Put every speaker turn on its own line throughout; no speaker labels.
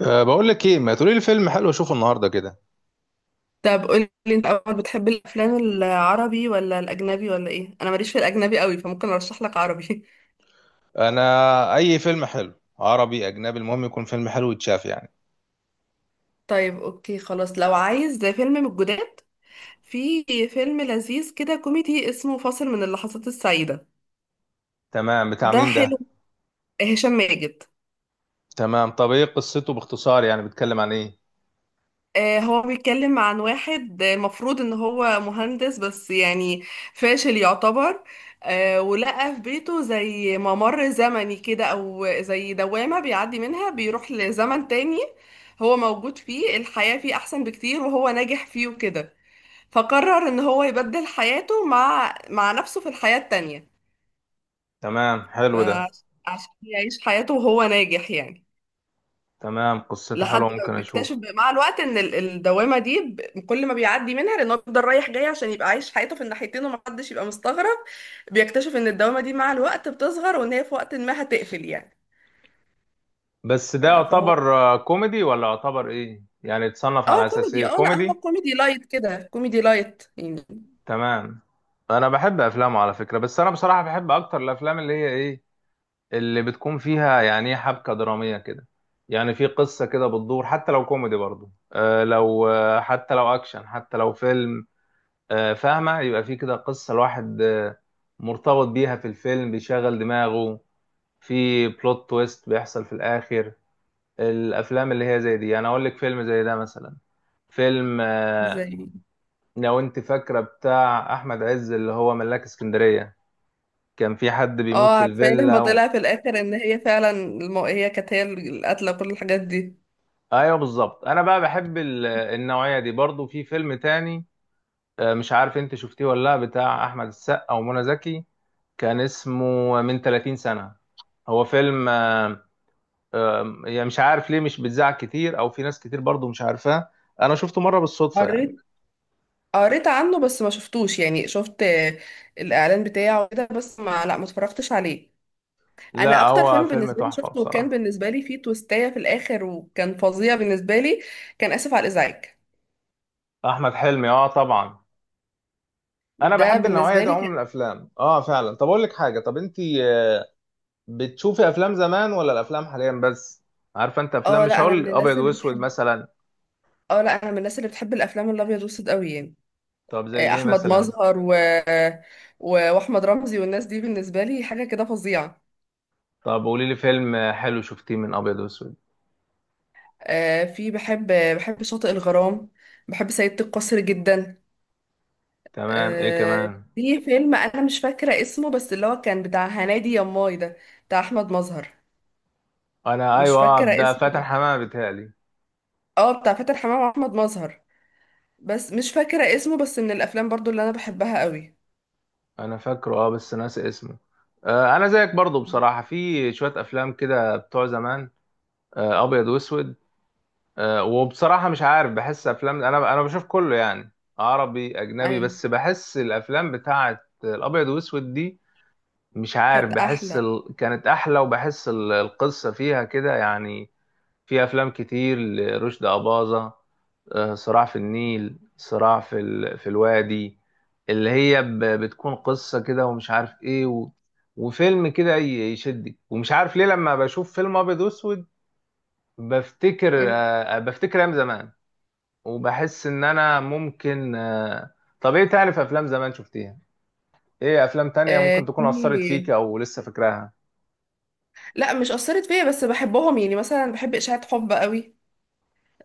بقول لك ايه، ما تقولي لي فيلم حلو اشوفه النهارده كده.
طب قولي انت اول بتحب الافلام العربي ولا الاجنبي ولا ايه؟ انا ماليش في الاجنبي قوي فممكن ارشح لك عربي.
انا اي فيلم حلو، عربي اجنبي المهم يكون فيلم حلو يتشاف يعني.
طيب اوكي خلاص. لو عايز ده فيلم من الجداد، في فيلم لذيذ كده كوميدي اسمه فاصل من اللحظات السعيدة،
تمام، بتاع
ده
مين
حلو.
ده؟
هشام ماجد.
تمام، طب ايه قصته باختصار؟ يعني بيتكلم عن ايه؟
هو بيتكلم عن واحد، مفروض ان هو مهندس بس يعني فاشل يعتبر. ولقى في بيته زي ممر زمني كده او زي دوامة بيعدي منها، بيروح لزمن تاني هو موجود فيه، الحياة فيه احسن بكتير وهو ناجح فيه وكده. فقرر ان هو يبدل حياته مع نفسه في الحياة التانية
تمام، حلو ده.
فعشان يعيش حياته وهو ناجح يعني.
تمام، قصته
لحد
حلوه
ما
ممكن اشوفه.
بيكتشف مع الوقت ان الدوامه دي كل ما بيعدي منها لانه بيفضل رايح جاي عشان يبقى عايش حياته في الناحيتين ومحدش يبقى مستغرب، بيكتشف ان الدوامه دي مع الوقت بتصغر وان هي في وقت ما هتقفل يعني.
بس
ف-
ده
فهو
يعتبر كوميدي ولا يعتبر ايه؟ يعني يتصنف
اه
على اساس ايه؟
كوميدي. اه لا، هو
كوميدي؟
كوميدي لايت كده، كوميدي لايت يعني.
تمام. انا بحب افلامه على فكره، بس انا بصراحه بحب اكتر الافلام اللي هي ايه، اللي بتكون فيها يعني إيه، حبكة درامية كده. يعني في قصة كده بتدور، حتى لو كوميدي برضو، آه لو آه حتى لو أكشن، حتى لو فيلم فاهمة؟ يبقى في كده قصة الواحد مرتبط بيها في الفيلم، بيشغل دماغه، في بلوت تويست بيحصل في الآخر. الأفلام اللي هي زي دي، يعني أقول لك فيلم زي ده مثلا، فيلم
زي
لو أنت فاكرة بتاع أحمد عز اللي هو ملاك اسكندرية، كان في حد بيموت
اه،
في
عارفه إيه لما
الفيلا.
طلع في الاخر ان هي فعلا هي كانت هي القاتله وكل الحاجات دي.
ايوه بالظبط، انا بقى بحب النوعيه دي. برضو في فيلم تاني، مش عارف انت شفتيه ولا لا، بتاع احمد السقا ومنى زكي. كان اسمه من 30 سنه. هو فيلم يعني مش عارف ليه مش بيتذاع كتير، او في ناس كتير برضو مش عارفاه. انا شفته مره بالصدفه يعني.
قريت قريت عنه بس ما شفتوش، يعني شفت الاعلان بتاعه كده بس ما لا ما اتفرجتش عليه. انا
لا
اكتر
هو
فيلم
فيلم
بالنسبه لي
تحفه
شفته وكان
بصراحه.
بالنسبه لي فيه تويستايه في الاخر وكان فظيع بالنسبه لي، كان اسف على الازعاج،
احمد حلمي، اه طبعا. انا
ده
بحب النوعيه
بالنسبه
دي
لي
عموما من
كان.
الافلام، اه فعلا. طب اقول لك حاجه، طب انت بتشوفي افلام زمان ولا الافلام حاليا بس؟ عارفه انت افلام
اه
مش
لا انا
هقول
من
ابيض
الناس اللي
واسود
بتحب
مثلا؟
اه لا انا من الناس اللي بتحب الافلام الابيض والاسود قوي يعني.
طب زي ايه
احمد
مثلا؟
مظهر واحمد رمزي والناس دي بالنسبه لي حاجه كده فظيعه.
طب قولي لي فيلم حلو شفتيه من ابيض واسود.
آه، في بحب بحب شاطئ الغرام، بحب سيدة القصر جدا.
تمام، ايه كمان؟
في فيلم انا مش فاكره اسمه بس اللي هو كان بتاع هنادي يا ماي ده، بتاع احمد مظهر،
انا
مش
ايوه،
فاكرة
ده فاتن
اسمه.
حمامه بيتهيألي.
اه بتاع فاتن حمامة واحمد مظهر بس مش فاكرة اسمه، بس من الافلام برضو اللي انا بحبها قوي.
انا فاكره، اه بس ناسي اسمه. آه انا زيك برضو بصراحه، في شويه افلام كده بتوع زمان، آه ابيض واسود. آه وبصراحه مش عارف، بحس افلام، انا بشوف كله يعني، عربي اجنبي،
ايوه
بس بحس الافلام بتاعه الابيض واسود دي، مش عارف،
كانت
بحس
احلى.
كانت احلى، وبحس القصه فيها كده يعني. في افلام كتير لرشدي اباظه، صراع في النيل، صراع في الوادي، اللي هي بتكون قصه كده، ومش عارف ايه وفيلم كده يشدك، ومش عارف ليه لما بشوف فيلم ابيض واسود بفتكر،
مم.
بفتكر ايام زمان، وبحس ان انا ممكن طب ايه تاني؟ في افلام زمان شفتيها؟ ايه افلام تانية
آه
ممكن تكون اثرت فيك
في
او لسه فاكراها؟
لا مش اثرت فيا بس بحبهم يعني، مثلا بحب اشاعة حب قوي.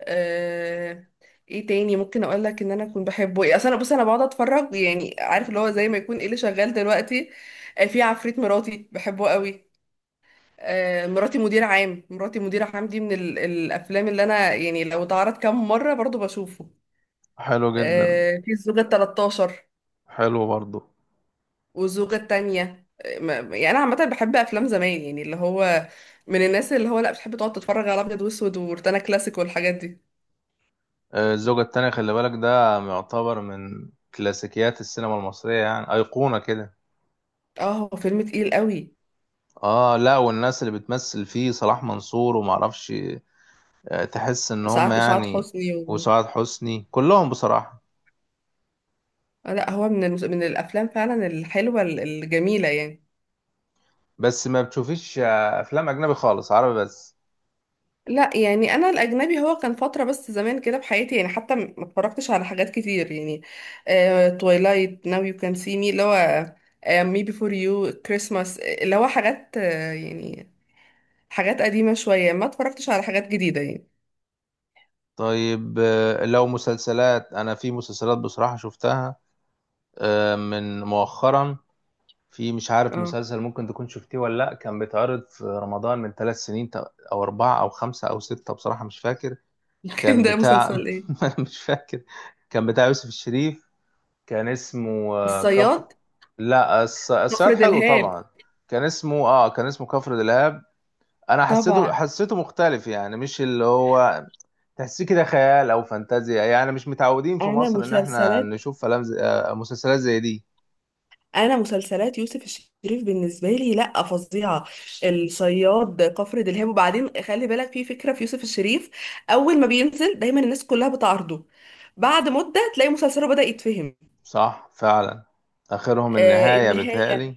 آه. ايه تاني ممكن اقول لك ان انا اكون بحبه، ايه؟ اصل انا بص، انا بقعد اتفرج يعني، عارف اللي هو زي ما يكون ايه اللي شغال دلوقتي. آه، في عفريت مراتي بحبه قوي. آه، مراتي مدير عام، مراتي مدير عام دي من الافلام اللي انا يعني لو اتعرض كام مرة برضو بشوفه.
حلو جدا.
آه، في الزوجة التلاتاشر
حلو برضو.
والزوجة التانية. يعني أنا عامة بحب أفلام زمان، يعني اللي هو من الناس اللي هو لأ بتحب تقعد تتفرج على أبيض وأسود وروتانا كلاسيك والحاجات دي.
الزوجة التانية، خلي بالك ده يعتبر من كلاسيكيات السينما المصرية، يعني أيقونة كده.
اه، هو فيلم تقيل قوي.
اه لا، والناس اللي بتمثل فيه صلاح منصور ومعرفش تحس ان هم
سعاد
يعني،
حسني
وسعاد حسني، كلهم بصراحة.
لأ هو من من الأفلام فعلا الحلوة الجميلة يعني.
بس ما بتشوفيش افلام اجنبي خالص؟ عربي بس؟
لا يعني انا الاجنبي هو كان فتره بس زمان كده في حياتي، يعني حتى ما اتفرجتش على حاجات كتير يعني. تويلايت، ناو يو كان سي مي اللي هو، مي بيفور يو، كريسماس، اللي هو حاجات، يعني حاجات قديمه شويه، ما اتفرجتش على حاجات جديده يعني.
طيب لو مسلسلات، انا في مسلسلات بصراحة شفتها من مؤخرا. في مش عارف
اه.
مسلسل، ممكن تكون شفتيه ولا لأ، كان بيتعرض في رمضان من ثلاث سنين أو أربعة أو خمسة أو ستة، بصراحة مش فاكر.
كان
كان
ده
بتاع
مسلسل ايه؟
مش فاكر. كان بتاع يوسف الشريف، كان اسمه كفر.
الصياد،
لا الصياد
كفر
حلو
دلهاب.
طبعا. كان اسمه، اه كان اسمه كفر دلهاب. انا حسيته
طبعا.
حسيته مختلف، يعني مش اللي هو تحسيه كده خيال او فانتازيا، يعني مش متعودين في
انا
مصر ان احنا
مسلسلات
نشوف فلام زي... آه، مسلسلات زي دي.
انا مسلسلات يوسف الشريف بالنسبه لي لا فظيعه. الصياد، كفر دلهاب. وبعدين خلي بالك، في فكره في يوسف الشريف، اول ما بينزل دايما الناس كلها بتعارضه، بعد مده تلاقي مسلسله بدا يتفهم.
صح فعلا. اخرهم
آه،
النهاية
النهايه.
بتهيألي.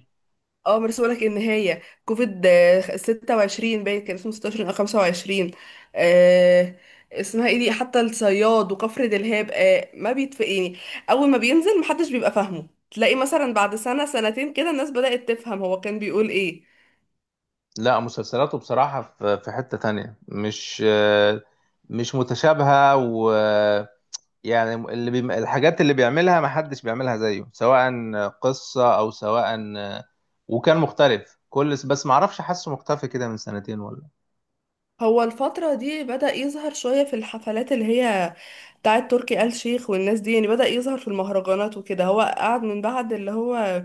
اه بس بقولك ان هي كوفيد ستة وعشرين، باين كان اسمه ستاشر او خمسة وعشرين. آه. اسمها ايه دي؟ حتى الصياد وكفر دلهاب آه ما بيتف يعني، اول ما بينزل محدش بيبقى فاهمه، تلاقي مثلا بعد سنة سنتين كده الناس بدأت تفهم هو كان بيقول ايه.
لا مسلسلاته بصراحة في حتة تانية مش مش متشابهة. و يعني الحاجات اللي بيعملها ما حدش بيعملها زيه، سواء قصة او سواء. وكان مختلف كل، بس ما اعرفش حاسه مختفي كده من سنتين ولا.
هو الفترة دي بدأ يظهر شوية في الحفلات اللي هي بتاعت تركي آل شيخ والناس دي، يعني بدأ يظهر في المهرجانات وكده. هو قعد من بعد اللي هو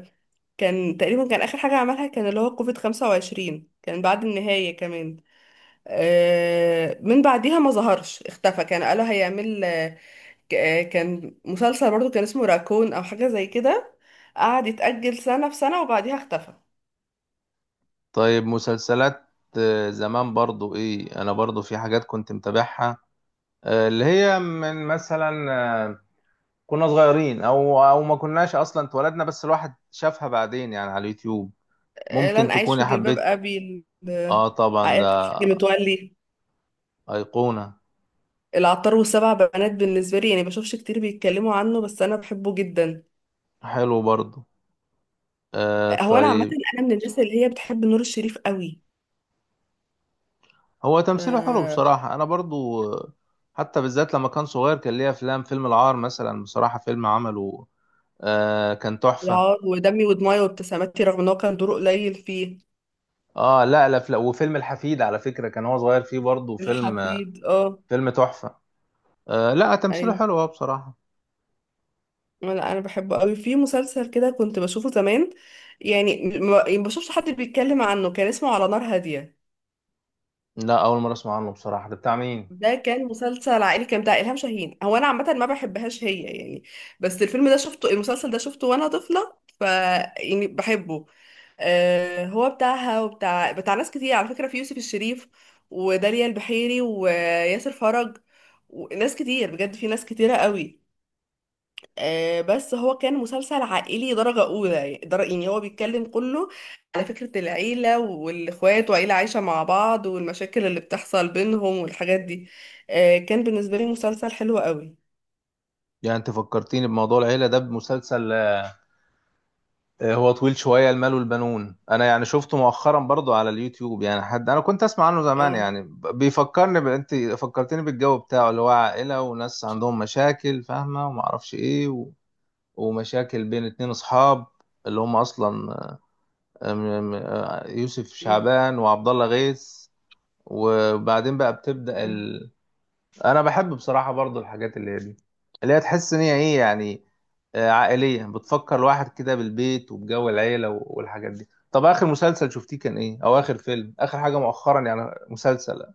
كان تقريبا، كان آخر حاجة عملها كان اللي هو كوفيد 25، كان بعد النهاية كمان. من بعديها ما ظهرش، اختفى. كان قالوا هيعمل كان مسلسل برضو، كان اسمه راكون او حاجة زي كده، قعد يتأجل سنة في سنة وبعديها اختفى.
طيب مسلسلات زمان برضو، ايه انا برضو في حاجات كنت متابعها اللي هي من مثلا كنا صغيرين او ما كناش اصلا اتولدنا، بس الواحد شافها بعدين يعني على اليوتيوب. ممكن
لن أعيش في
تكوني
جلباب
حبيت،
أبي. ال-
اه طبعا
عائلة
ده
الحاج متولي،
ايقونة.
العطار والسبع بنات، بالنسبة لي يعني بشوفش كتير بيتكلموا عنه بس أنا بحبه جدا.
حلو برضو. آه
آه، هو أنا عامة
طيب.
أنا من الناس اللي هي بتحب نور الشريف قوي.
هو تمثيله حلو
آه،
بصراحة، انا برضو حتى بالذات لما كان صغير كان ليه افلام، فيلم العار مثلا بصراحة فيلم عمله، آه كان تحفة.
العار ودمي ودموعي وابتساماتي، رغم إن هو كان دوره قليل فيه.
اه لا لا لا وفيلم الحفيد على فكرة كان هو صغير فيه برضو، فيلم
الحفيد اه.
فيلم تحفة. آه لا تمثيله
ايوه
حلو هو بصراحة.
لا، انا بحبه قوي. في مسلسل كده كنت بشوفه زمان يعني، ما بشوفش حد بيتكلم عنه، كان اسمه على نار هادية.
لا اول مرة اسمع عنه بصراحة، ده بتاع مين؟
ده كان مسلسل عائلي كان بتاع إلهام شاهين، هو انا عامة ما بحبهاش هي يعني، بس الفيلم ده شفته المسلسل ده شفته وانا طفلة، ف يعني بحبه. آه، هو بتاعها وبتاع بتاع ناس كتير على فكرة، في يوسف الشريف وداليا البحيري وياسر فرج وناس كتير، بجد في ناس كتيرة قوي. بس هو كان مسلسل عائلي درجة أولى يعني، يعني هو بيتكلم كله على فكرة العيلة والإخوات وعيلة عايشة مع بعض والمشاكل اللي بتحصل بينهم والحاجات دي. كان بالنسبة لي مسلسل حلو قوي.
يعني انت فكرتيني بموضوع العيلة ده بمسلسل هو طويل شوية، المال والبنون. انا يعني شفته مؤخرا برضو على اليوتيوب، يعني حد انا كنت اسمع عنه زمان
اه.
يعني بيفكرني انت فكرتني بالجو بتاعه، اللي هو عائلة وناس عندهم مشاكل فاهمة، وما اعرفش ايه ومشاكل بين اتنين اصحاب، اللي هم اصلا يوسف
مم.
شعبان وعبد الله غيث، وبعدين بقى بتبدأ.
مم.
انا بحب بصراحه برضو الحاجات اللي هي دي، اللي هي تحس ان هي ايه يعني عائليه، بتفكر الواحد كده بالبيت وبجو العيله والحاجات دي. طب اخر مسلسل شفتيه كان ايه؟ او اخر فيلم، اخر حاجه مؤخرا يعني، مسلسل؟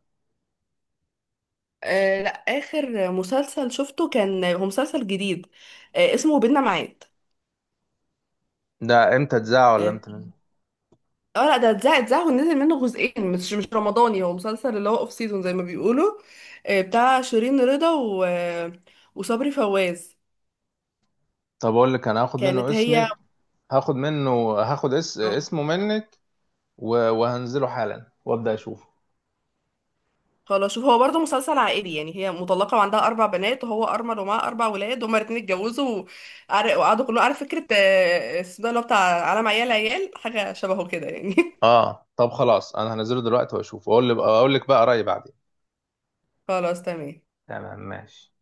آه، لا آخر مسلسل شفته كان هو مسلسل جديد، اسمه بينا ميعاد.
ده امتى اتذاع ولا
اه.
امتى نزل؟
آه، لا ده اتذاع ونزل منه جزئين، مش رمضاني، هو مسلسل اللي هو اوف سيزون زي ما بيقولوا. آه، بتاع شيرين رضا وصبري فواز.
طب اقول لك، انا هاخد منه
كانت هي.
اسمك، هاخد منه،
آه،
اسمه منك، وهنزله حالا وابدا اشوفه.
خلاص. شوف، هو برضه مسلسل عائلي يعني، هي مطلقة وعندها أربع بنات وهو أرمل ومعاه أربع ولاد، هما الاتنين اتجوزوا وقعدوا كلهم، عارف فكرة السودان اللي هو بتاع عالم عيال حاجة شبهه كده يعني.
اه طب خلاص، انا هنزله دلوقتي واشوفه، اقول لك بقى رايي بعدين.
خلاص تمام.
تمام ماشي.